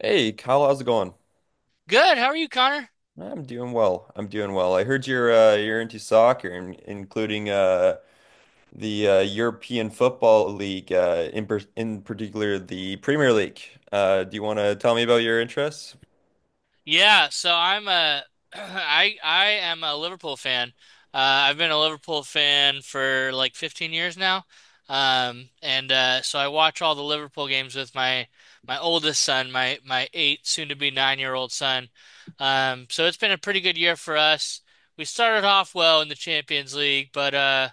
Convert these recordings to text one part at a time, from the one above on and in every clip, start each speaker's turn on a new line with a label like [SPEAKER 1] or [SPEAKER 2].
[SPEAKER 1] Hey, Kyle, how's it going?
[SPEAKER 2] Good. How are you, Connor?
[SPEAKER 1] I'm doing well. I'm doing well. I heard you're into soccer, including the European Football League, in particular the Premier League. Do you want to tell me about your interests?
[SPEAKER 2] Yeah, so I'm a I am a Liverpool fan. I've been a Liverpool fan for like 15 years now. And so I watch all the Liverpool games with my oldest son, my eight, soon to be nine-year-old son. It's been a pretty good year for us. We started off well in the Champions League, but uh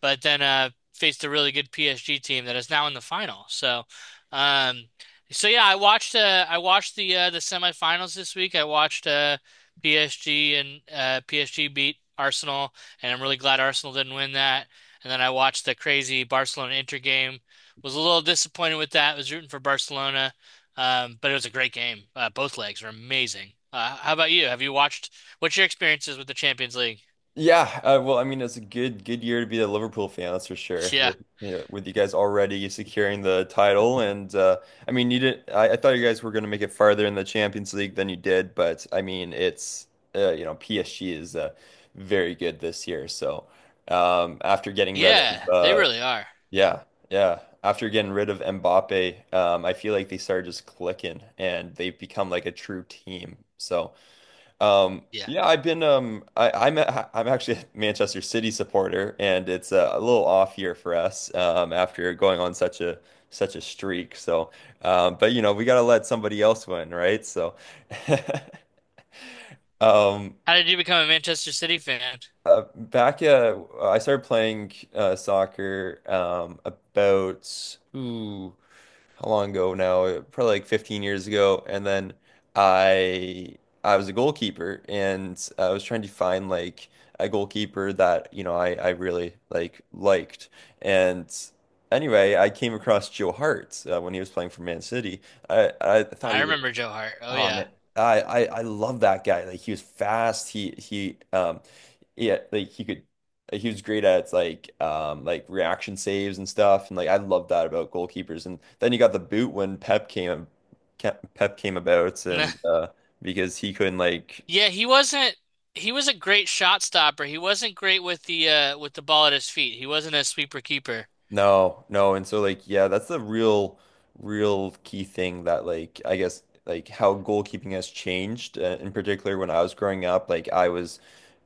[SPEAKER 2] but then faced a really good PSG team that is now in the final. Um So, yeah, I watched the the semifinals this week. I watched PSG, and PSG beat Arsenal, and I'm really glad Arsenal didn't win that. And then I watched the crazy Barcelona Inter game. Was a little disappointed with that. Was rooting for Barcelona. But it was a great game. Both legs were amazing. How about you? Have you watched what's your experiences with the Champions League?
[SPEAKER 1] Yeah, well, I mean, it's a good year to be a Liverpool fan, that's for sure.
[SPEAKER 2] Yeah.
[SPEAKER 1] With you know, with you guys already securing the title, and I mean, you did. I thought you guys were going to make it farther in the Champions League than you did, but I mean, it's you know, PSG is very good this year. So um, after getting rid
[SPEAKER 2] Yeah,
[SPEAKER 1] of
[SPEAKER 2] they
[SPEAKER 1] uh,
[SPEAKER 2] really are.
[SPEAKER 1] yeah, yeah, after getting rid of Mbappe, I feel like they started just clicking, and they've become like a true team. So.
[SPEAKER 2] Yeah.
[SPEAKER 1] Yeah, I'm I'm actually a Manchester City supporter, and it's a little off here for us after going on such a streak. So but you know, we got to let somebody else win, right? So um
[SPEAKER 2] How did you become a Manchester City fan?
[SPEAKER 1] back I started playing soccer about ooh, how long ago now? Probably like 15 years ago. And then I I was a goalkeeper, and I was trying to find like a goalkeeper that, you know, I really liked. And anyway, I came across Joe Hart when he was playing for Man City. I thought
[SPEAKER 2] I
[SPEAKER 1] he
[SPEAKER 2] remember Joe Hart. Oh
[SPEAKER 1] Oh
[SPEAKER 2] yeah.
[SPEAKER 1] man, I love that guy. Like he was fast. He Yeah, like he could, like, he was great at like reaction saves and stuff. And like I love that about goalkeepers. And then you got the boot when Pep came about and because he couldn't like,
[SPEAKER 2] Yeah, he wasn't He was a great shot stopper. He wasn't great with the ball at his feet. He wasn't a sweeper keeper.
[SPEAKER 1] no, no. And so like yeah, that's the real key thing that like I guess like how goalkeeping has changed, in particular when I was growing up. Like I was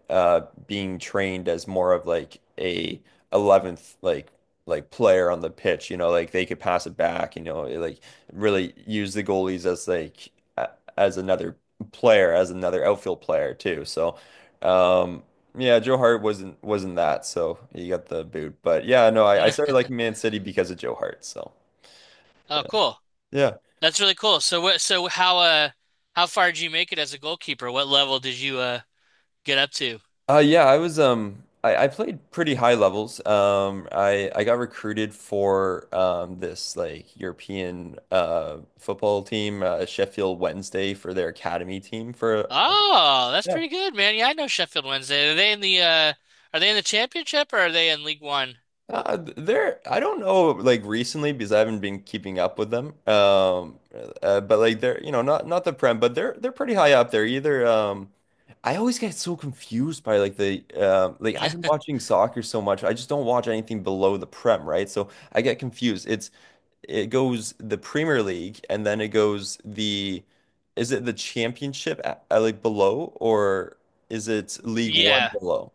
[SPEAKER 1] uh being trained as more of like a 11th like player on the pitch, you know, like they could pass it back, you know, like really use the goalies as a- another player, as another outfield player too. So um yeah, Joe Hart wasn't that, so he got the boot. But yeah, no, I
[SPEAKER 2] Mm.
[SPEAKER 1] started liking Man City because of Joe Hart. So
[SPEAKER 2] Oh, cool.
[SPEAKER 1] yeah.
[SPEAKER 2] That's really cool. So how far did you make it as a goalkeeper? What level did you get up to?
[SPEAKER 1] Yeah, I played pretty high levels. I got recruited for this like European football team, Sheffield Wednesday, for their academy team for,
[SPEAKER 2] Oh, that's
[SPEAKER 1] yeah.
[SPEAKER 2] pretty good, man. Yeah, I know Sheffield Wednesday. Are they in the are they in the championship, or are they in League One?
[SPEAKER 1] There, I don't know, like recently, because I haven't been keeping up with them. But like they're, you know, not the Prem, but they're pretty high up there. Either, I always get so confused by like the, like I've been watching soccer so much, I just don't watch anything below the Prem, right? So I get confused. It's, it goes the Premier League, and then it goes the, is it the Championship at, like, below, or is it League One
[SPEAKER 2] Yeah.
[SPEAKER 1] below?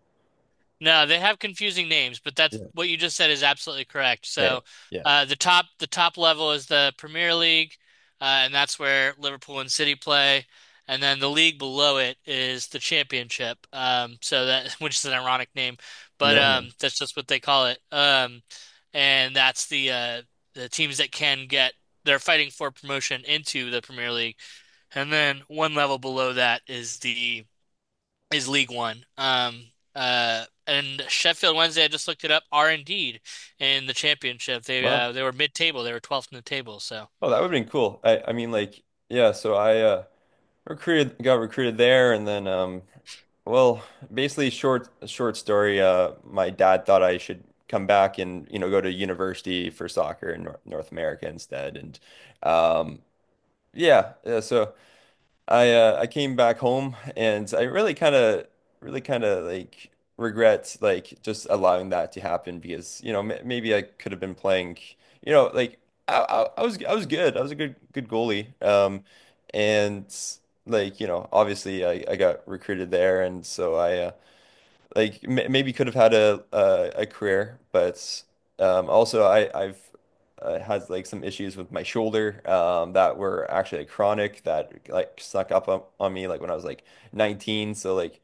[SPEAKER 2] No, they have confusing names, but that's
[SPEAKER 1] Yeah.
[SPEAKER 2] what you just said is absolutely correct.
[SPEAKER 1] Okay.
[SPEAKER 2] So,
[SPEAKER 1] Yeah.
[SPEAKER 2] the top level is the Premier League, and that's where Liverpool and City play, and then the league below it is the Championship. So that which is an ironic name, but
[SPEAKER 1] Yeah, I know.
[SPEAKER 2] that's just what they call it. And that's the teams that can get they're fighting for promotion into the Premier League, and then one level below that is the is League One. And Sheffield Wednesday, I just looked it up, are indeed in the championship.
[SPEAKER 1] Well,
[SPEAKER 2] They were mid-table. They were 12th in the table. So
[SPEAKER 1] oh, that would have been cool. I mean, like, yeah, so I recruited got recruited there, and then well, basically short story, uh, my dad thought I should come back and, you know, go to university for soccer in Nor North America instead. And um yeah, yeah, so I came back home, and I really really kind of like regret like just allowing that to happen, because you know, m maybe I could have been playing, you know, like, I was good. I was a good goalie, and like, you know, obviously I got recruited there, and so I, like, m maybe could have had a career. But also I've, had like some issues with my shoulder, that were actually like chronic, that like snuck up on me, like when I was like 19. So like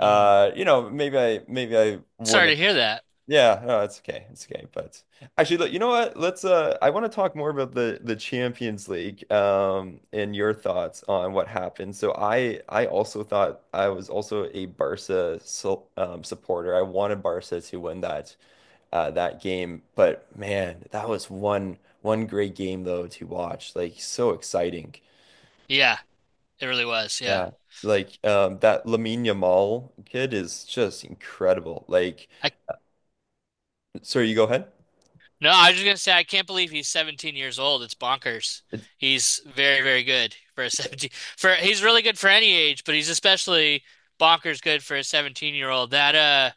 [SPEAKER 2] mm.
[SPEAKER 1] you know, maybe I
[SPEAKER 2] Sorry
[SPEAKER 1] wouldn't.
[SPEAKER 2] to hear that.
[SPEAKER 1] Yeah, no, it's okay. It's okay. But actually, look, you know what? Let's I want to talk more about the Champions League and your thoughts on what happened. So I also thought, I was also a Barca, so, supporter. I wanted Barca to win that that game, but man, that was one great game though to watch. Like so exciting.
[SPEAKER 2] Yeah, it really was. Yeah.
[SPEAKER 1] Yeah. Like that Lamine Yamal kid is just incredible. Like,
[SPEAKER 2] I
[SPEAKER 1] sorry, you go ahead.
[SPEAKER 2] No, I was just gonna say I can't believe he's 17 years old. It's bonkers. He's very, very good for a 17 for he's really good for any age, but he's especially bonkers good for a 17-year-old. That uh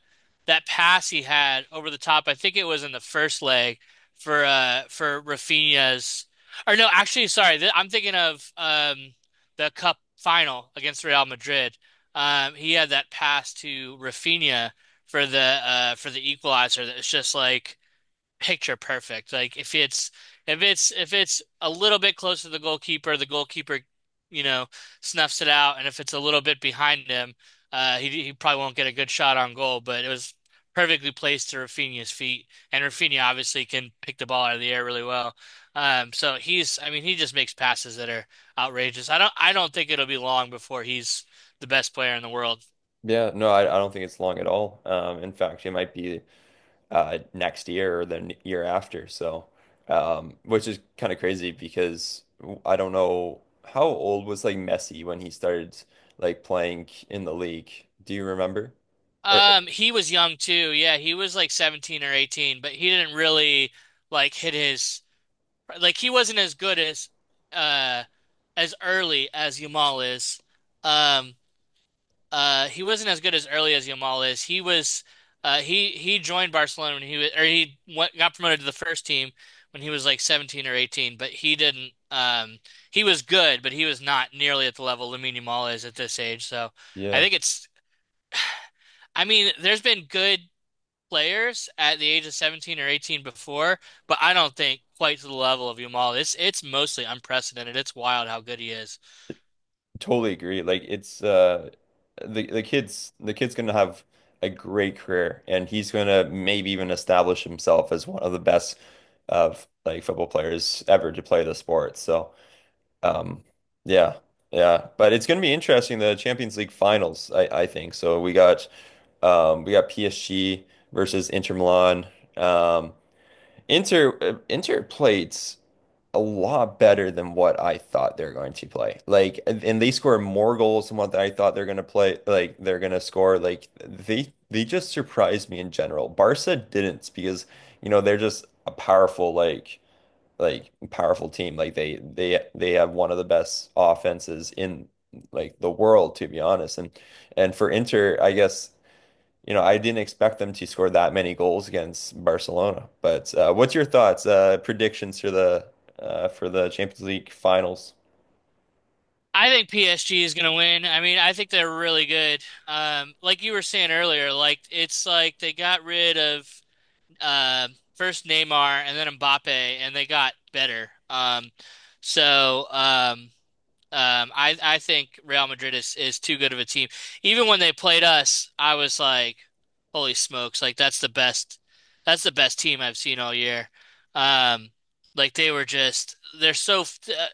[SPEAKER 2] that pass he had over the top, I think it was in the first leg for Rafinha's or no, actually sorry, th I'm thinking of the cup final against Real Madrid. He had that pass to Rafinha for the equalizer that was just like picture perfect. Like if it's a little bit closer to the goalkeeper, you know, snuffs it out, and if it's a little bit behind him, he probably won't get a good shot on goal. But it was perfectly placed to Rafinha's feet, and Rafinha obviously can pick the ball out of the air really well. So he's, I mean, he just makes passes that are outrageous. I don't think it'll be long before he's the best player in the world.
[SPEAKER 1] Yeah, no, I don't think it's long at all. In fact, it might be, next year or the year after. So, which is kind of crazy because I don't know how old was like Messi when he started like playing in the league. Do you remember? Or
[SPEAKER 2] He was young too. Yeah, he was like 17 or 18, but he didn't really like hit his like he wasn't as good uh as early as Yamal is. Um, he wasn't as good as early as Yamal is. He was he joined Barcelona when he was or he went, got promoted to the first team when he was like 17 or 18, but he didn't he was good, but he was not nearly at the level Lamine Yamal is at this age. So, I
[SPEAKER 1] yeah,
[SPEAKER 2] think it's I mean, there's been good players at the age of 17 or 18 before, but I don't think quite to the level of Yamal. It's mostly unprecedented. It's wild how good he is.
[SPEAKER 1] totally agree. Like it's the kid's gonna have a great career, and he's gonna maybe even establish himself as one of the best of like football players ever to play the sport. So. Um, yeah, yeah, but it's going to be interesting, the Champions League finals, I think. So we got PSG versus Inter Milan. Um, Inter played a lot better than what I thought they're going to play. Like, and they scored more goals than what I thought they're going to play. Like, they're going to score. Like, they just surprised me in general. Barca didn't, because, you know, they're just a powerful like powerful team. Like they they have one of the best offenses in like the world, to be honest. And for Inter, I guess, you know, I didn't expect them to score that many goals against Barcelona. But what's your thoughts, predictions for the Champions League finals?
[SPEAKER 2] I think PSG is going to win. I mean, I think they're really good. Like you were saying earlier, like it's like they got rid of uh, first Neymar and then Mbappe, and they got better. So um, I think Real Madrid is too good of a team. Even when they played us, I was like, "Holy smokes! That's the best team I've seen all year." Um, like they were just they're so f- uh,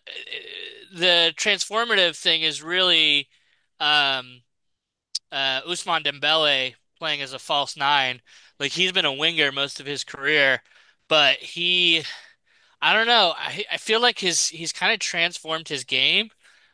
[SPEAKER 2] the transformative thing is really um Ousmane Dembele playing as a false nine. Like he's been a winger most of his career, but he I don't know. I feel like his he's kind of transformed his game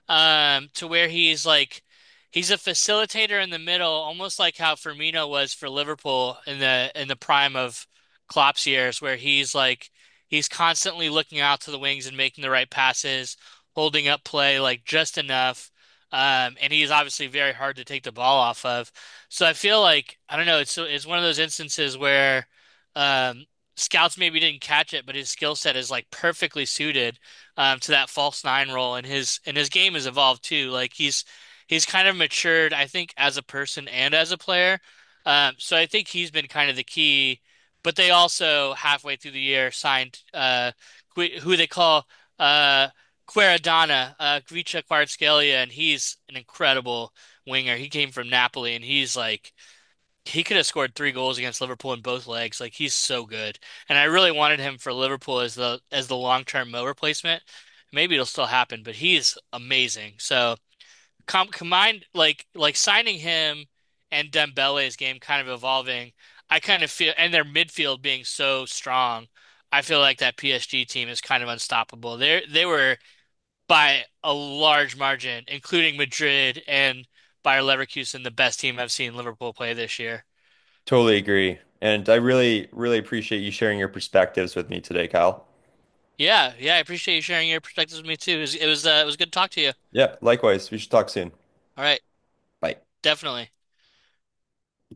[SPEAKER 2] to where he's like he's a facilitator in the middle, almost like how Firmino was for Liverpool in the prime of Klopp's years, where he's like he's constantly looking out to the wings and making the right passes, holding up play like just enough. And he's obviously very hard to take the ball off of. So I feel like I don't know, it's one of those instances where um scouts maybe didn't catch it, but his skill set is like perfectly suited to that false nine role, and his game has evolved too. Like he's kind of matured, I think, as a person and as a player. So I think he's been kind of the key. But they also halfway through the year signed Gui- who they call uh, Quaradonna, Gvica Kvaratskhelia, and he's an incredible winger. He came from Napoli, and he's like he could have scored 3 goals against Liverpool in both legs. Like he's so good, and I really wanted him for Liverpool as the long term Mo replacement. Maybe it'll still happen, but he's amazing. So combined, like signing him and Dembele's game kind of evolving, I kind of feel, and their midfield being so strong, I feel like that PSG team is kind of unstoppable. They were by a large margin, including Madrid and Bayer Leverkusen, the best team I've seen Liverpool play this year.
[SPEAKER 1] Totally agree. And I really, really appreciate you sharing your perspectives with me today, Kyle.
[SPEAKER 2] Yeah, yeah, I appreciate you sharing your perspectives with me too. It was it was good to talk to you.
[SPEAKER 1] Yeah, likewise. We should talk soon.
[SPEAKER 2] All right,
[SPEAKER 1] Bye.
[SPEAKER 2] definitely.